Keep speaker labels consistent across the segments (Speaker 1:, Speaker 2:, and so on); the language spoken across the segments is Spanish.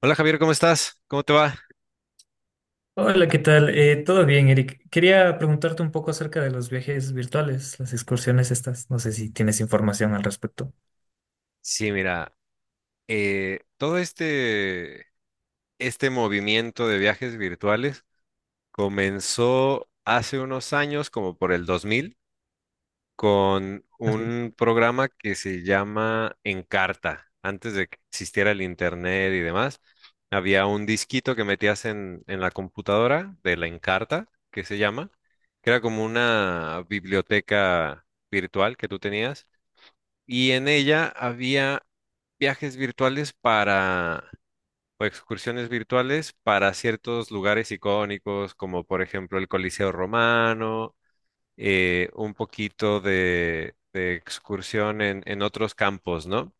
Speaker 1: Hola Javier, ¿cómo estás? ¿Cómo te va?
Speaker 2: Hola, ¿qué tal? Todo bien, Eric. Quería preguntarte un poco acerca de los viajes virtuales, las excursiones estas. No sé si tienes información al respecto.
Speaker 1: Sí, mira, eh, todo este, este movimiento de viajes virtuales comenzó hace unos años, como por el 2000, con
Speaker 2: Así.
Speaker 1: un programa que se llama Encarta. Antes de que existiera el internet y demás, había un disquito que metías en la computadora de la Encarta, que se llama, que era como una biblioteca virtual que tú tenías y en ella había viajes virtuales para, o excursiones virtuales para ciertos lugares icónicos, como por ejemplo el Coliseo Romano, un poquito de excursión en otros campos, ¿no?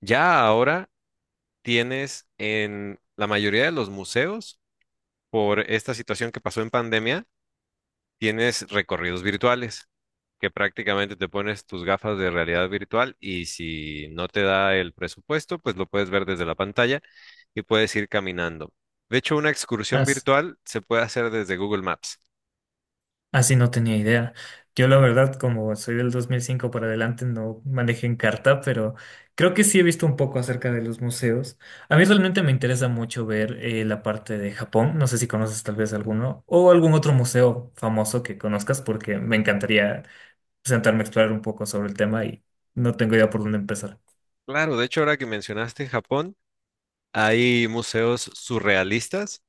Speaker 1: Ya ahora tienes en la mayoría de los museos, por esta situación que pasó en pandemia, tienes recorridos virtuales, que prácticamente te pones tus gafas de realidad virtual, y si no te da el presupuesto, pues lo puedes ver desde la pantalla y puedes ir caminando. De hecho, una excursión
Speaker 2: Así,
Speaker 1: virtual se puede hacer desde Google Maps.
Speaker 2: así no tenía idea. Yo la verdad, como soy del 2005 para adelante, no manejé en carta, pero creo que sí he visto un poco acerca de los museos. A mí realmente me interesa mucho ver la parte de Japón. No sé si conoces tal vez alguno o algún otro museo famoso que conozcas, porque me encantaría sentarme a explorar un poco sobre el tema y no tengo idea por dónde empezar.
Speaker 1: Claro, de hecho, ahora que mencionaste Japón, hay museos surrealistas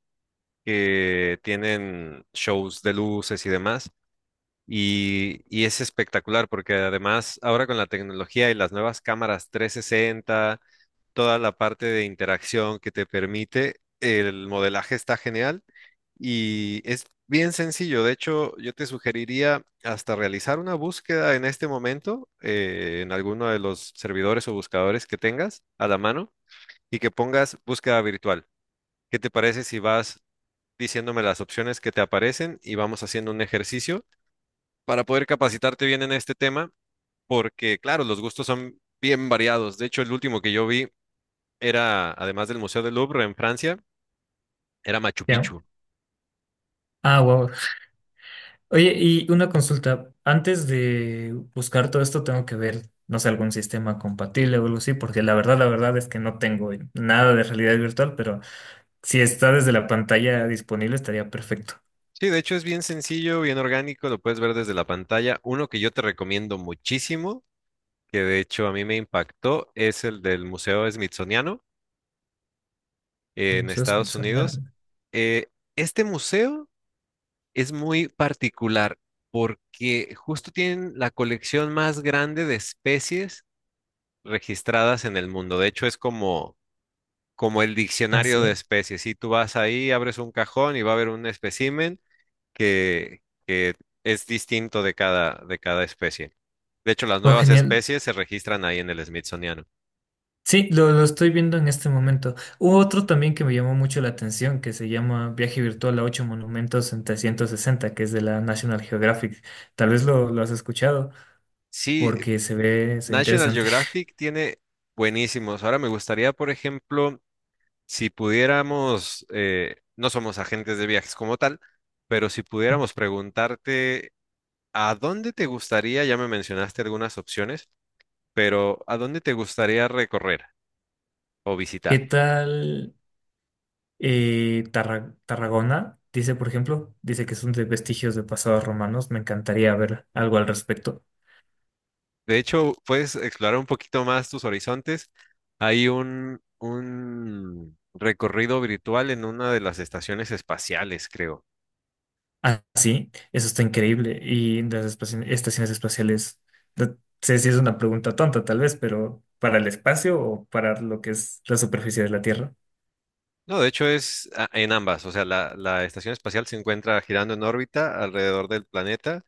Speaker 1: que tienen shows de luces y demás. Y es espectacular porque además ahora con la tecnología y las nuevas cámaras 360, toda la parte de interacción que te permite. El modelaje está genial y es bien sencillo. De hecho, yo te sugeriría hasta realizar una búsqueda en este momento, en alguno de los servidores o buscadores que tengas a la mano y que pongas búsqueda virtual. ¿Qué te parece si vas diciéndome las opciones que te aparecen y vamos haciendo un ejercicio para poder capacitarte bien en este tema? Porque, claro, los gustos son bien variados. De hecho, el último que yo vi era, además del Museo del Louvre en Francia, era Machu
Speaker 2: Ya.
Speaker 1: Picchu.
Speaker 2: Ah, wow. Oye, y una consulta. Antes de buscar todo esto, tengo que ver, no sé, algún sistema compatible o algo así, porque la verdad es que no tengo nada de realidad virtual, pero si está desde la pantalla disponible, estaría perfecto.
Speaker 1: Sí, de hecho es bien sencillo, bien orgánico, lo puedes ver desde la pantalla. Uno que yo te recomiendo muchísimo, que de hecho a mí me impactó, es el del Museo Smithsoniano en
Speaker 2: Museo
Speaker 1: Estados Unidos.
Speaker 2: Smithsonian.
Speaker 1: Eh, este museo es muy particular porque justo tienen la colección más grande de especies registradas en el mundo. De hecho, es como, como el
Speaker 2: Ah,
Speaker 1: diccionario de
Speaker 2: sí.
Speaker 1: especies. Si tú vas ahí, abres un cajón y va a haber un espécimen que, que es distinto de cada especie. De hecho, las
Speaker 2: Oh,
Speaker 1: nuevas
Speaker 2: genial.
Speaker 1: especies se registran ahí en el Smithsoniano.
Speaker 2: Sí, lo estoy viendo en este momento. Hubo otro también que me llamó mucho la atención, que se llama Viaje Virtual a ocho monumentos en 360, que es de la National Geographic. Tal vez lo has escuchado
Speaker 1: Sí,
Speaker 2: porque se ve
Speaker 1: National
Speaker 2: interesante.
Speaker 1: Geographic tiene buenísimos. Ahora me gustaría, por ejemplo, si pudiéramos, no somos agentes de viajes como tal, pero si pudiéramos preguntarte, ¿a dónde te gustaría? Ya me mencionaste algunas opciones, pero ¿a dónde te gustaría recorrer o
Speaker 2: ¿Qué
Speaker 1: visitar?
Speaker 2: tal Tarragona? Dice, por ejemplo, dice que son de vestigios de pasados romanos. Me encantaría ver algo al respecto.
Speaker 1: De hecho, puedes explorar un poquito más tus horizontes. Hay un recorrido virtual en una de las estaciones espaciales, creo.
Speaker 2: Ah, sí, eso está increíble. Y las estaciones espaciales, no sé si es una pregunta tonta tal vez, pero ¿para el espacio o para lo que es la superficie de la Tierra?
Speaker 1: No, de hecho es en ambas. O sea, la estación espacial se encuentra girando en órbita alrededor del planeta,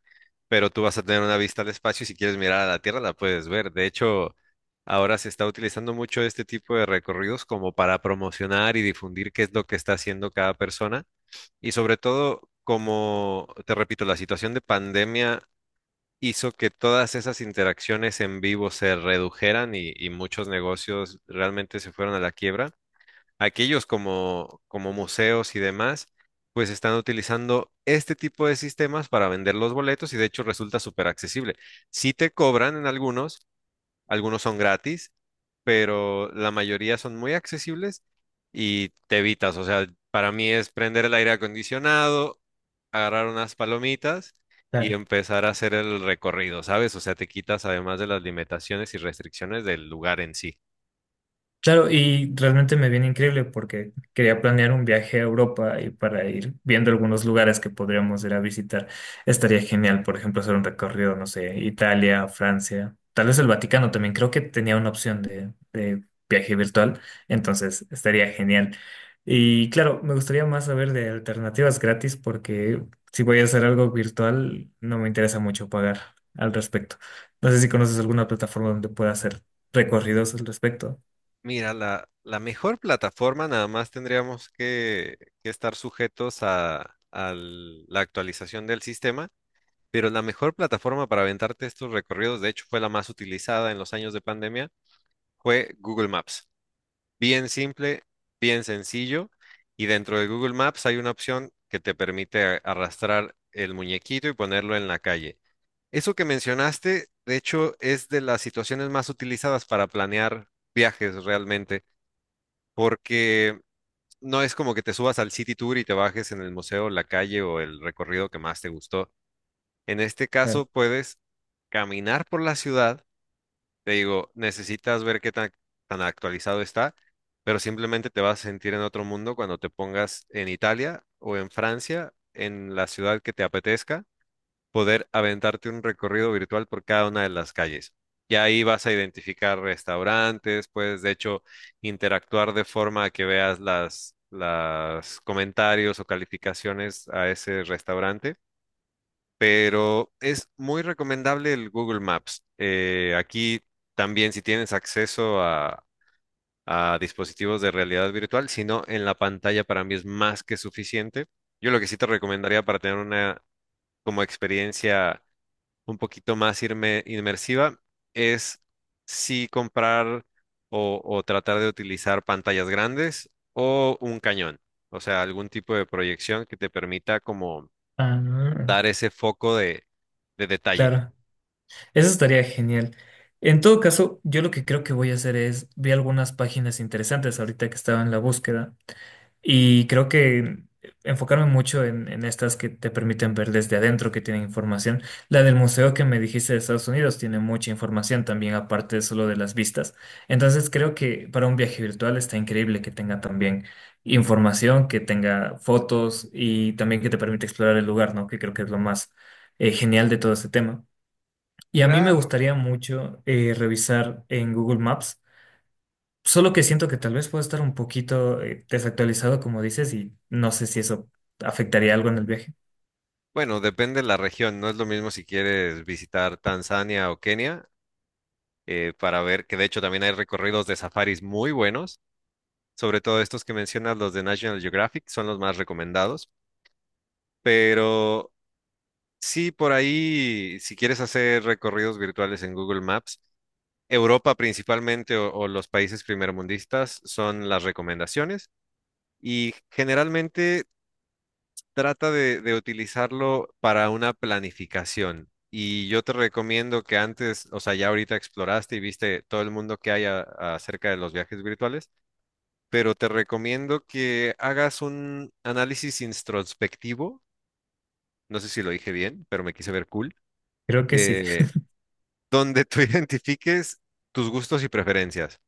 Speaker 1: pero tú vas a tener una vista al espacio y si quieres mirar a la Tierra la puedes ver. De hecho, ahora se está utilizando mucho este tipo de recorridos como para promocionar y difundir qué es lo que está haciendo cada persona. Y sobre todo, como te repito, la situación de pandemia hizo que todas esas interacciones en vivo se redujeran y muchos negocios realmente se fueron a la quiebra. Aquellos como, como museos y demás, pues están utilizando este tipo de sistemas para vender los boletos y de hecho resulta súper accesible. Sí te cobran en algunos, algunos son gratis, pero la mayoría son muy accesibles y te evitas. O sea, para mí es prender el aire acondicionado, agarrar unas palomitas y empezar a hacer el recorrido, ¿sabes? O sea, te quitas además de las limitaciones y restricciones del lugar en sí.
Speaker 2: Claro, y realmente me viene increíble porque quería planear un viaje a Europa y para ir viendo algunos lugares que podríamos ir a visitar. Estaría genial, por ejemplo, hacer un recorrido, no sé, Italia, Francia, tal vez el Vaticano también. Creo que tenía una opción de viaje virtual, entonces estaría genial. Y claro, me gustaría más saber de alternativas gratis porque si voy a hacer algo virtual, no me interesa mucho pagar al respecto. No sé si conoces alguna plataforma donde pueda hacer recorridos al respecto.
Speaker 1: Mira, la mejor plataforma nada más tendríamos que estar sujetos a la actualización del sistema, pero la mejor plataforma para aventarte estos recorridos, de hecho fue la más utilizada en los años de pandemia, fue Google Maps. Bien simple, bien sencillo. Y dentro de Google Maps hay una opción que te permite arrastrar el muñequito y ponerlo en la calle. Eso que mencionaste, de hecho, es de las situaciones más utilizadas para planear viajes realmente, porque no es como que te subas al City Tour y te bajes en el museo, la calle o el recorrido que más te gustó. En este caso, puedes caminar por la ciudad. Te digo, necesitas ver qué tan actualizado está, pero simplemente te vas a sentir en otro mundo cuando te pongas en Italia o en Francia, en la ciudad que te apetezca, poder aventarte un recorrido virtual por cada una de las calles. Y ahí vas a identificar restaurantes, puedes de hecho interactuar de forma que veas las comentarios o calificaciones a ese restaurante, pero es muy recomendable el Google Maps. Aquí también si tienes acceso a dispositivos de realidad virtual, si no, en la pantalla para mí es más que suficiente. Yo lo que sí te recomendaría para tener una como experiencia un poquito más inmersiva es sí comprar o tratar de utilizar pantallas grandes o un cañón, o sea, algún tipo de proyección que te permita como
Speaker 2: Ah,
Speaker 1: dar ese foco de detalle.
Speaker 2: claro, eso estaría genial. En todo caso, yo lo que creo que voy a hacer es, vi algunas páginas interesantes ahorita que estaba en la búsqueda y creo que enfocarme mucho en estas que te permiten ver desde adentro, que tienen información. La del museo que me dijiste de Estados Unidos tiene mucha información también, aparte solo de las vistas. Entonces creo que para un viaje virtual está increíble que tenga también información, que tenga fotos y también que te permite explorar el lugar, ¿no? Que creo que es lo más genial de todo este tema. Y a mí me
Speaker 1: Claro.
Speaker 2: gustaría mucho revisar en Google Maps. Solo que siento que tal vez puedo estar un poquito desactualizado, como dices, y no sé si eso afectaría algo en el viaje.
Speaker 1: Bueno, depende de la región. No es lo mismo si quieres visitar Tanzania o Kenia, para ver que de hecho también hay recorridos de safaris muy buenos. Sobre todo estos que mencionas, los de National Geographic, son los más recomendados. Pero sí, por ahí, si quieres hacer recorridos virtuales en Google Maps, Europa principalmente o los países primermundistas son las recomendaciones. Y generalmente trata de utilizarlo para una planificación. Y yo te recomiendo que antes, o sea, ya ahorita exploraste y viste todo el mundo que hay acerca de los viajes virtuales, pero te recomiendo que hagas un análisis introspectivo, no sé si lo dije bien, pero me quise ver cool,
Speaker 2: Creo que sí.
Speaker 1: eh, donde tú identifiques tus gustos y preferencias.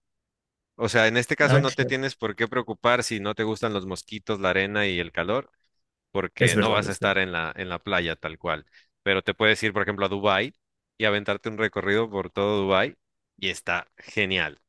Speaker 1: O sea, en este caso
Speaker 2: Ah,
Speaker 1: no te
Speaker 2: claro.
Speaker 1: tienes por qué preocupar si no te gustan los mosquitos, la arena y el calor,
Speaker 2: Es
Speaker 1: porque no
Speaker 2: verdad,
Speaker 1: vas a
Speaker 2: es verdad.
Speaker 1: estar en la playa tal cual. Pero te puedes ir, por ejemplo, a Dubái y aventarte un recorrido por todo Dubái y está genial.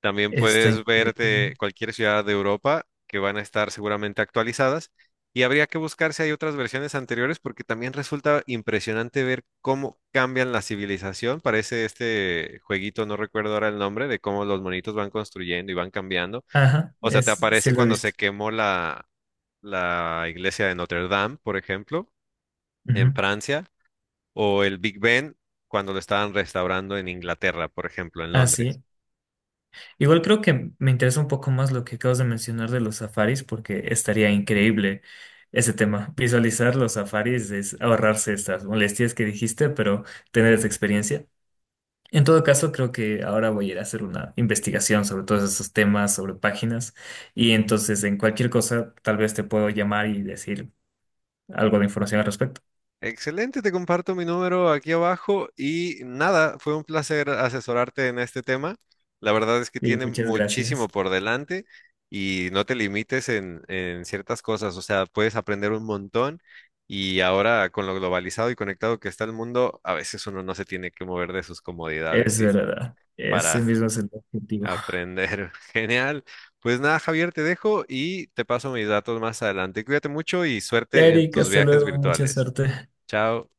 Speaker 1: También
Speaker 2: Está
Speaker 1: puedes
Speaker 2: increíble.
Speaker 1: verte cualquier ciudad de Europa que van a estar seguramente actualizadas, y habría que buscar si hay otras versiones anteriores porque también resulta impresionante ver cómo cambian la civilización. Parece este jueguito, no recuerdo ahora el nombre, de cómo los monitos van construyendo y van cambiando.
Speaker 2: Ajá,
Speaker 1: O sea, te
Speaker 2: es, sí
Speaker 1: aparece
Speaker 2: lo he
Speaker 1: cuando se
Speaker 2: visto.
Speaker 1: quemó la iglesia de Notre Dame, por ejemplo, en
Speaker 2: Ujú.
Speaker 1: Francia, o el Big Ben cuando lo estaban restaurando en Inglaterra, por ejemplo, en
Speaker 2: Ah,
Speaker 1: Londres.
Speaker 2: sí. Igual creo que me interesa un poco más lo que acabas de mencionar de los safaris, porque estaría increíble ese tema. Visualizar los safaris es ahorrarse estas molestias que dijiste, pero tener esa experiencia. En todo caso, creo que ahora voy a ir a hacer una investigación sobre todos esos temas, sobre páginas, y entonces en cualquier cosa tal vez te puedo llamar y decir algo de información al respecto.
Speaker 1: Excelente, te comparto mi número aquí abajo y nada, fue un placer asesorarte en este tema. La verdad es que
Speaker 2: Y
Speaker 1: tiene
Speaker 2: muchas
Speaker 1: muchísimo
Speaker 2: gracias.
Speaker 1: por delante y no te limites en ciertas cosas, o sea, puedes aprender un montón. Y ahora con lo globalizado y conectado que está el mundo, a veces uno no se tiene que mover de sus comodidades
Speaker 2: Es
Speaker 1: y
Speaker 2: verdad, ese
Speaker 1: para
Speaker 2: mismo es el objetivo.
Speaker 1: aprender. Genial. Pues nada, Javier, te dejo y te paso mis datos más adelante. Cuídate mucho y suerte en
Speaker 2: Erika,
Speaker 1: tus
Speaker 2: hasta
Speaker 1: viajes
Speaker 2: luego, mucha
Speaker 1: virtuales.
Speaker 2: suerte.
Speaker 1: Chao.